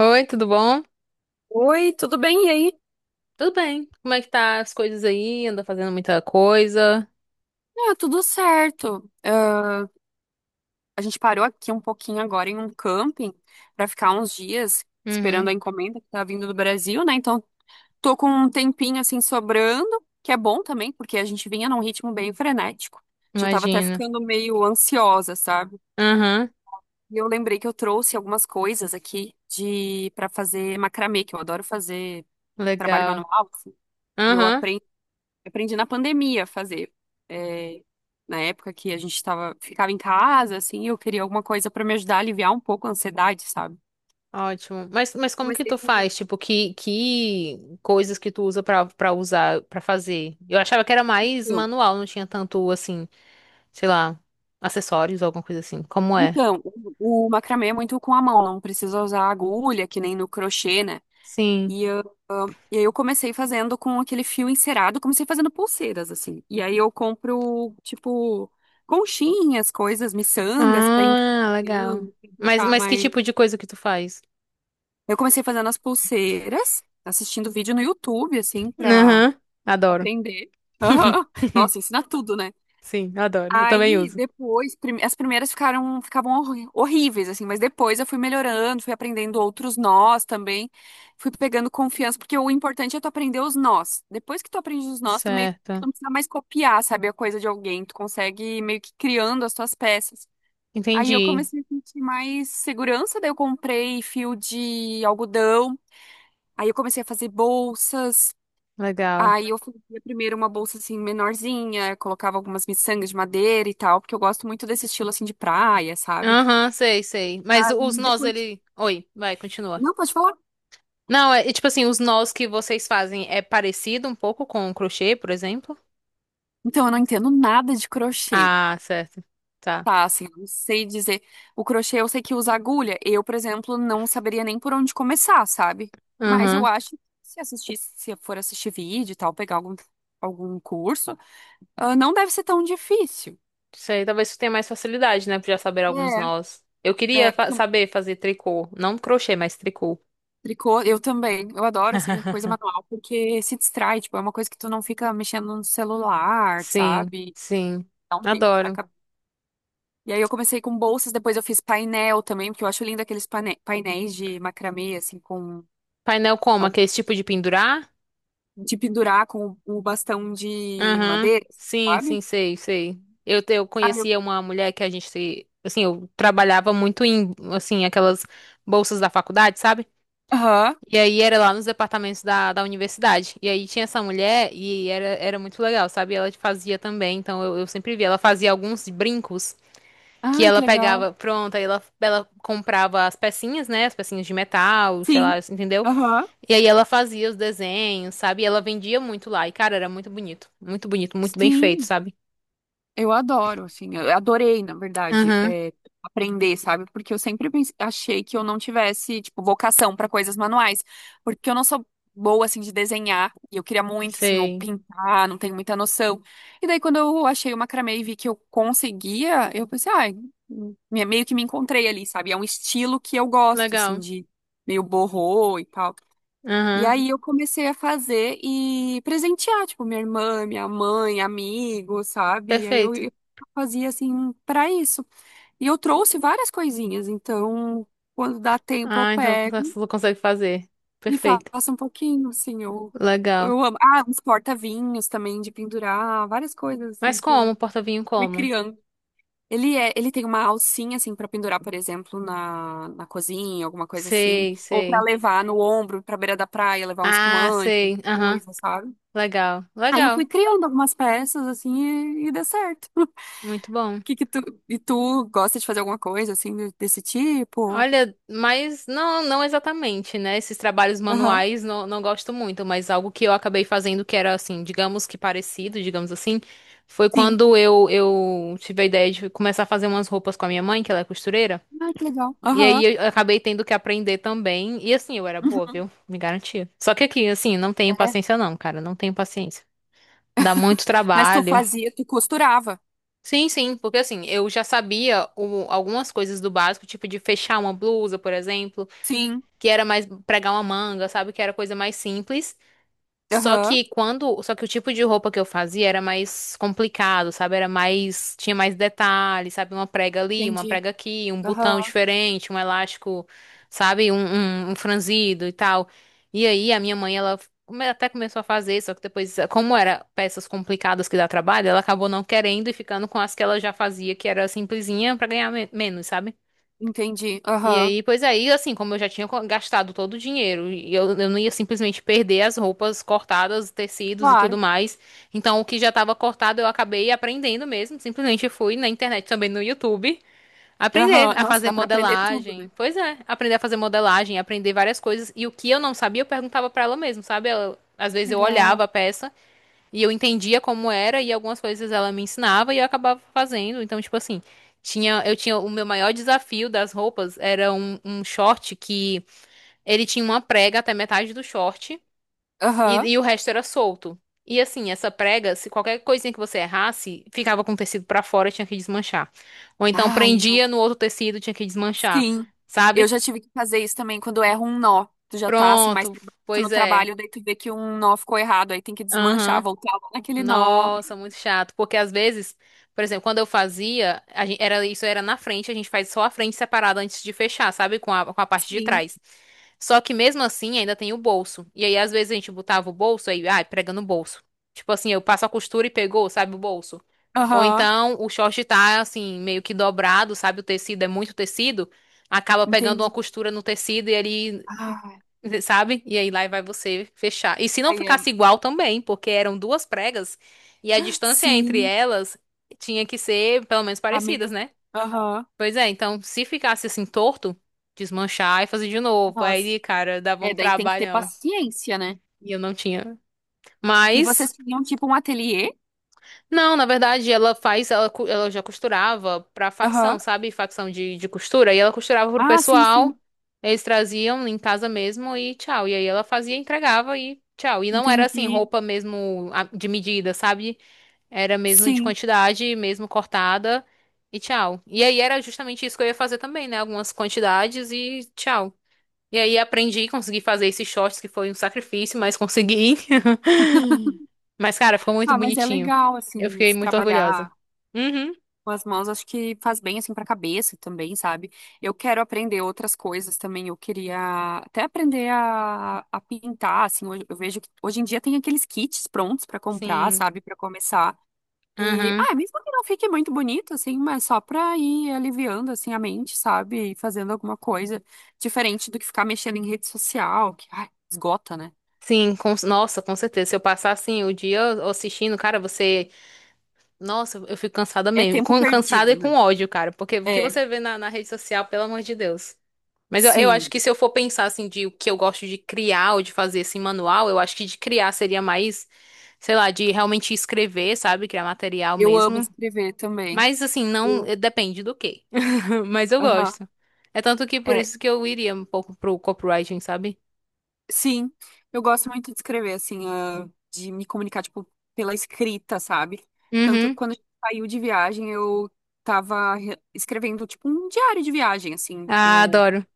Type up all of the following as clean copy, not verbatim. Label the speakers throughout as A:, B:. A: Oi, tudo bom?
B: Oi, tudo bem? E aí?
A: Tudo bem. Como é que tá as coisas aí? Anda fazendo muita coisa?
B: Ah, tudo certo. Ah, a gente parou aqui um pouquinho agora em um camping para ficar uns dias esperando
A: Uhum,
B: a encomenda que tá vindo do Brasil, né? Então, tô com um tempinho assim sobrando, que é bom também, porque a gente vinha num ritmo bem frenético. Já tava até
A: imagino.
B: ficando meio ansiosa, sabe?
A: Aham,
B: E eu lembrei que eu trouxe algumas coisas aqui de para fazer macramê, que eu adoro fazer trabalho
A: legal.
B: manual, assim. E eu
A: Aham,
B: aprendi Eu aprendi na pandemia a fazer. É, na época que a gente tava, ficava em casa, assim, eu queria alguma coisa pra me ajudar a aliviar um pouco a ansiedade, sabe?
A: ótimo. Mas como que
B: Comecei
A: tu
B: a fazer.
A: faz? Tipo, que coisas que tu usa pra usar, pra fazer? Eu achava que era mais
B: Eu.
A: manual, não tinha tanto, assim, sei lá, acessórios ou alguma coisa assim. Como é?
B: Então, o macramê é muito com a mão, não precisa usar agulha, que nem no crochê, né?
A: Sim.
B: E eu, ah, e aí eu comecei fazendo com aquele fio encerado, comecei fazendo pulseiras, assim. E aí eu compro, tipo, conchinhas, coisas, miçangas pra enfeitar,
A: Ah, legal.
B: pra
A: Mas,
B: deixar
A: mas que
B: mais.
A: tipo de coisa que tu faz?
B: Eu comecei fazendo as pulseiras, assistindo vídeo no YouTube, assim, pra
A: Aham, adoro.
B: aprender. Aham. Nossa, ensina tudo, né?
A: Sim, adoro. Eu também
B: Aí
A: uso.
B: depois, as primeiras ficaram ficavam horríveis, assim, mas depois eu fui melhorando, fui aprendendo outros nós também, fui pegando confiança, porque o importante é tu aprender os nós. Depois que tu aprende os nós, tu meio que tu
A: Certo.
B: não precisa mais copiar, sabe, a coisa de alguém, tu consegue ir meio que criando as tuas peças. Aí eu
A: Entendi.
B: comecei a sentir mais segurança, daí eu comprei fio de algodão. Aí eu comecei a fazer bolsas.
A: Legal.
B: Aí eu fazia primeiro uma bolsa assim menorzinha, colocava algumas miçangas de madeira e tal, porque eu gosto muito desse estilo assim de praia, sabe?
A: Aham, sei, sei. Mas
B: Aí
A: os nós,
B: depois.
A: ele. Oi, vai, continua.
B: Não, pode falar.
A: Não, é tipo assim, os nós que vocês fazem é parecido um pouco com o crochê, por exemplo?
B: Então, eu não entendo nada de crochê,
A: Ah, certo. Tá.
B: tá? Assim, eu não sei dizer. O crochê eu sei que usa agulha. Eu, por exemplo, não saberia nem por onde começar, sabe? Mas eu
A: Aham.
B: acho que se assistir, se eu for assistir vídeo e tal, pegar algum, algum curso, ah, não deve ser tão difícil.
A: Sei, talvez tu tenha mais facilidade, né, pra já saber alguns nós. Eu queria
B: Porque
A: saber fazer tricô. Não crochê, mas tricô.
B: Tricô, eu também. Eu adoro, assim, a coisa manual, porque se distrai, tipo, é uma coisa que tu não fica mexendo no celular,
A: Sim,
B: sabe?
A: sim.
B: Dá um tempo pra
A: Adoro.
B: acabar. E aí eu comecei com bolsas, depois eu fiz painel também, porque eu acho lindo aqueles painéis de macramê, assim, com
A: Painel como? Aquele tipo de pendurar?
B: de pendurar com o bastão de
A: Aham.
B: madeira,
A: Sim,
B: sabe?
A: sim, sei, sei. Eu
B: Ah, eu...
A: conhecia uma mulher que a gente, assim, eu trabalhava muito em, assim, aquelas bolsas da faculdade, sabe?
B: Aham.
A: E aí era lá nos departamentos da universidade. E aí tinha essa mulher e era muito legal, sabe? Ela fazia também, então eu sempre via. Ela fazia alguns brincos que
B: Ai, que
A: ela
B: legal.
A: pegava, pronto, aí ela comprava as pecinhas, né? As pecinhas de metal, sei lá,
B: Sim.
A: entendeu?
B: Aham.
A: E aí ela fazia os desenhos, sabe? E ela vendia muito lá. E, cara, era muito bonito. Muito bonito, muito bem feito,
B: Sim.
A: sabe?
B: Eu adoro, assim, eu adorei, na verdade,
A: Aham,
B: é, aprender, sabe? Porque eu sempre achei que eu não tivesse, tipo, vocação para coisas manuais, porque eu não sou boa, assim, de desenhar, e eu queria muito, assim, ou
A: sei.
B: pintar, não tenho muita noção. E daí, quando eu achei o macramê e vi que eu conseguia, eu pensei, ai, meio que me encontrei ali, sabe? É um estilo que eu gosto, assim,
A: Legal.
B: de meio borrô e tal. E
A: Aham,
B: aí eu comecei a fazer e presentear, tipo, minha irmã, minha mãe, amigos, sabe? E aí eu,
A: perfeito.
B: eu fazia assim pra isso. E eu trouxe várias coisinhas, então quando dá tempo eu
A: Ah, então
B: pego
A: você consegue fazer.
B: e
A: Perfeito.
B: faço um pouquinho, assim,
A: Legal.
B: eu amo. Ah, uns porta-vinhos também de pendurar, várias coisas assim
A: Mas
B: que eu
A: como? Porta-vinho
B: fui
A: como?
B: criando. Ele tem uma alcinha assim pra pendurar, por exemplo, na cozinha, alguma coisa assim,
A: Sei,
B: ou pra
A: sei.
B: levar no ombro, pra beira da praia, levar um
A: Ah,
B: espumante
A: sei. Aham,
B: coisa, sabe?
A: legal.
B: Aí eu fui
A: Legal.
B: criando algumas peças, assim, e deu certo.
A: Muito bom.
B: Que que tu, e tu gosta de fazer alguma coisa, assim, de- desse tipo?
A: Olha, mas não, não exatamente, né? Esses trabalhos
B: Aham.
A: manuais não gosto muito, mas algo que eu acabei fazendo que era assim, digamos que parecido, digamos assim, foi
B: Sim.
A: quando eu tive a ideia de começar a fazer umas roupas com a minha mãe, que ela é costureira.
B: Ai, que legal.
A: E
B: Aham.
A: aí eu acabei tendo que aprender também. E assim, eu era boa,
B: Uhum.
A: viu? Me garantia. Só que aqui, assim, não tenho
B: É.
A: paciência não, cara. Não tenho paciência. Dá muito
B: Mas tu
A: trabalho.
B: fazia, tu costurava.
A: Sim, sim, porque assim, eu já sabia algumas coisas do básico, tipo de fechar uma blusa, por exemplo,
B: Sim.
A: que era mais pregar uma manga, sabe? Que era coisa mais simples. Só
B: Aham.
A: que quando, só que o tipo de roupa que eu fazia era mais complicado, sabe? Era mais, tinha mais detalhes, sabe? Uma prega ali, uma
B: Entendi.
A: prega aqui, um
B: Aham.
A: botão diferente, um elástico, sabe? Um franzido e tal. E aí a minha mãe, ela até começou a fazer, só que depois, como era peças complicadas que dá trabalho, ela acabou não querendo e ficando com as que ela já fazia, que era simplesinha pra ganhar menos, sabe?
B: Entendi.
A: E
B: Aham.
A: aí, pois aí, assim, como eu já tinha gastado todo o dinheiro, e eu não ia simplesmente perder as roupas cortadas, tecidos e tudo
B: Claro.
A: mais. Então, o que já estava cortado, eu acabei aprendendo mesmo. Simplesmente fui na internet, também no YouTube, aprender
B: Aham.
A: a
B: Nossa,
A: fazer
B: dá pra aprender tudo, né?
A: modelagem. Pois é, aprender a fazer modelagem, aprender várias coisas. E o que eu não sabia, eu perguntava pra ela mesmo, sabe? Ela- às vezes eu olhava
B: Legal.
A: a peça. E eu entendia como era e algumas coisas ela me ensinava e eu acabava fazendo. Então, tipo assim, eu tinha o meu maior desafio das roupas era um short que ele tinha uma prega até metade do short e,
B: Aham.
A: e o resto era solto. E assim, essa prega, se qualquer coisinha que você errasse, ficava com o tecido pra fora, tinha que desmanchar. Ou então
B: Ai,
A: prendia no outro tecido, tinha que desmanchar.
B: sim, eu
A: Sabe?
B: já tive que fazer isso também quando erra um nó. Tu já tá assim mais
A: Pronto,
B: pra baixo
A: pois
B: no
A: é.
B: trabalho, daí tu vê que um nó ficou errado, aí tem que desmanchar,
A: Aham.
B: voltar lá naquele nó.
A: Nossa, muito chato. Porque às vezes, por exemplo, quando eu fazia, era, isso era na frente, a gente faz só a frente separada antes de fechar, sabe? Com com a parte de
B: Sim,
A: trás. Só que mesmo assim ainda tem o bolso. E aí, às vezes, a gente botava o bolso aí, ai, prega no bolso. Tipo assim, eu passo a costura e pegou, sabe, o bolso. Ou
B: aham,
A: então o short tá assim, meio que dobrado, sabe? O tecido é muito tecido. Acaba pegando uma
B: entendi.
A: costura no tecido e ele
B: Ah,
A: sabe? E aí lá vai você fechar. E se não
B: aí é,
A: ficasse igual também, porque eram duas pregas e a distância entre
B: sim,
A: elas tinha que ser pelo menos
B: a
A: parecidas,
B: mesma.
A: né?
B: Aham,
A: Pois é, então se ficasse assim torto, desmanchar e fazer de novo.
B: nossa.
A: Aí, cara, dava
B: É,
A: um
B: daí tem que ter
A: trabalhão.
B: paciência, né?
A: E eu não tinha.
B: E
A: Mas
B: vocês tinham tipo um ateliê?
A: não, na verdade, ela faz, ela, cu- ela já costurava pra facção,
B: Aham.
A: sabe? Facção de costura. E ela costurava pro
B: Ah, sim,
A: pessoal,
B: sim,
A: eles traziam em casa mesmo e tchau. E aí ela fazia, entregava e tchau. E não era assim,
B: entendi.
A: roupa mesmo de medida, sabe? Era mesmo de
B: Sim.
A: quantidade, mesmo cortada e tchau. E aí era justamente isso que eu ia fazer também, né? Algumas quantidades e tchau. E aí aprendi, consegui fazer esses shorts, que foi um sacrifício, mas consegui. Mas, cara, ficou muito
B: Ah, mas é
A: bonitinho.
B: legal,
A: Eu
B: assim,
A: fiquei
B: se
A: muito orgulhosa.
B: trabalhar.
A: Uhum,
B: Com as mãos, acho que faz bem assim para a cabeça também, sabe? Eu quero aprender outras coisas também. Eu queria até aprender a pintar, assim. Hoje, eu vejo que hoje em dia tem aqueles kits prontos para comprar,
A: sim.
B: sabe? Para começar. E,
A: Uhum.
B: ah, mesmo que não fique muito bonito, assim, mas só para ir aliviando, assim, a mente, sabe? E fazendo alguma coisa diferente do que ficar mexendo em rede social, que, ai, esgota, né?
A: Sim, nossa, com certeza. Se eu passar assim o dia assistindo, cara, você. Nossa, eu fico cansada
B: É
A: mesmo.
B: tempo
A: Com, cansada e
B: perdido,
A: com
B: né?
A: ódio, cara. Porque o que
B: É,
A: você vê na, na rede social, pelo amor de Deus. Mas eu acho
B: sim.
A: que se eu for pensar assim de o que eu gosto de criar ou de fazer assim manual, eu acho que de criar seria mais, sei lá, de realmente escrever, sabe? Criar material
B: Eu amo
A: mesmo.
B: escrever também.
A: Mas assim, não,
B: Eu-
A: depende do quê? Mas eu
B: Aham.
A: gosto. É tanto que por
B: É,
A: isso que eu iria um pouco pro copywriting, sabe?
B: sim, eu gosto muito de escrever, assim, ah, de me comunicar, tipo, pela escrita, sabe? Tanto
A: Uhum.
B: quando a gente saiu de viagem, eu tava escrevendo, tipo, um diário de viagem, assim,
A: Ah,
B: eu...
A: adoro.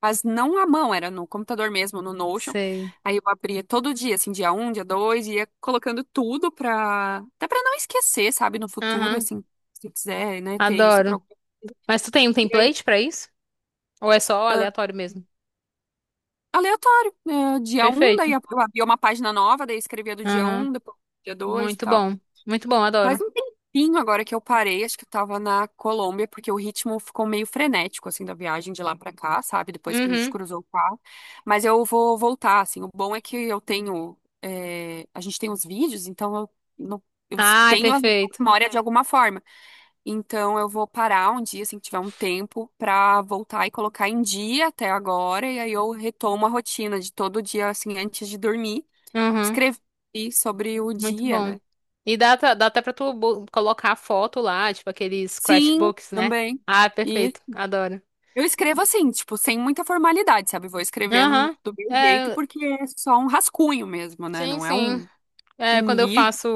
B: Mas não à mão, era no computador mesmo, no Notion.
A: Sei.
B: Aí eu abria todo dia, assim, dia um, dia dois, ia colocando tudo pra... Até pra não esquecer, sabe? No futuro,
A: Aham.
B: assim, se eu quiser, né, ter isso pra...
A: Adoro.
B: algum-
A: Mas tu tem um
B: E aí,
A: template pra isso? Ou é só aleatório mesmo?
B: aleatório, né? Dia um, daí
A: Perfeito.
B: eu abria uma página nova, daí eu escrevia do dia
A: Aham.
B: um, depois do dia dois e
A: Muito
B: tal.
A: bom. Muito bom,
B: Faz
A: adoro.
B: um tempinho agora que eu parei, acho que eu tava na Colômbia, porque o ritmo ficou meio frenético, assim, da viagem de lá pra cá, sabe? Depois que a gente
A: Uhum.
B: cruzou o carro. Mas eu vou voltar, assim. O bom é que eu tenho. É, A gente tem os vídeos, então eu, não- eu
A: Ai,
B: tenho as
A: perfeito.
B: memórias de alguma forma. Então eu vou parar um dia, assim, que tiver um tempo, pra voltar e colocar em dia até agora. E aí eu retomo a rotina de todo dia, assim, antes de dormir,
A: Uhum.
B: escrever sobre o
A: Muito
B: dia,
A: bom.
B: né?
A: E dá, dá até pra tu colocar a foto lá, tipo aqueles
B: Sim,
A: scratchbooks, né?
B: também.
A: Ah, é
B: E
A: perfeito. Adoro.
B: eu escrevo assim, tipo, sem muita formalidade, sabe? Vou escrevendo
A: Aham.
B: do meu jeito,
A: É,
B: porque é só um rascunho mesmo, né?
A: sim,
B: Não é
A: sim.
B: um,
A: É,
B: um
A: quando eu
B: livro.
A: faço,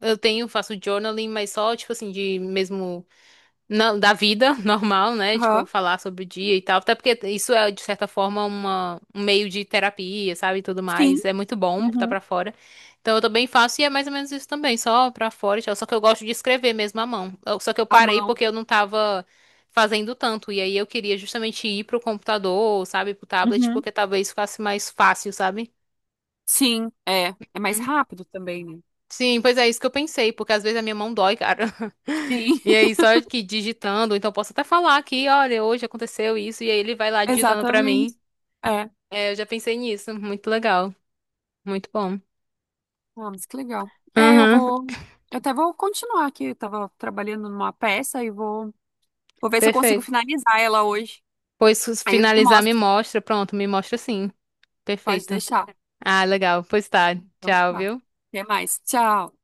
A: eu tenho, faço journaling, mas só, tipo assim, de mesmo, não, da vida normal, né? Tipo,
B: Aham.
A: falar sobre o dia e tal. Até porque isso é, de certa forma, uma, um meio de terapia, sabe? E tudo
B: Sim.
A: mais. É muito bom botar
B: Uhum.
A: pra fora. Então, eu também faço e é mais ou menos isso também, só pra fora e tal. Só que eu gosto de escrever mesmo à mão. Eu- Só que eu
B: À
A: parei
B: mão.
A: porque eu não tava fazendo tanto. E aí eu queria justamente ir pro computador, sabe? Pro tablet,
B: Uhum.
A: porque talvez ficasse mais fácil, sabe?
B: Sim, é. É mais rápido também, né?
A: Sim, pois é isso que eu pensei, porque às vezes a minha mão dói, cara.
B: Sim,
A: E aí, só que digitando, então posso até falar aqui, olha, hoje aconteceu isso, e aí ele vai lá digitando pra
B: exatamente.
A: mim.
B: É.
A: É, eu já pensei nisso, muito legal, muito bom.
B: Ah, mas que legal. É, eu
A: Uhum,
B: vou. Eu até vou continuar aqui. Eu tava trabalhando numa peça e vou ver se eu consigo
A: perfeito.
B: finalizar ela hoje.
A: Pois se
B: Aí eu te
A: finalizar, me
B: mostro.
A: mostra, pronto, me mostra sim,
B: Pode
A: perfeito.
B: deixar.
A: Ah, legal, pois tá,
B: Então,
A: tchau,
B: tá.
A: viu?
B: Até mais. Tchau.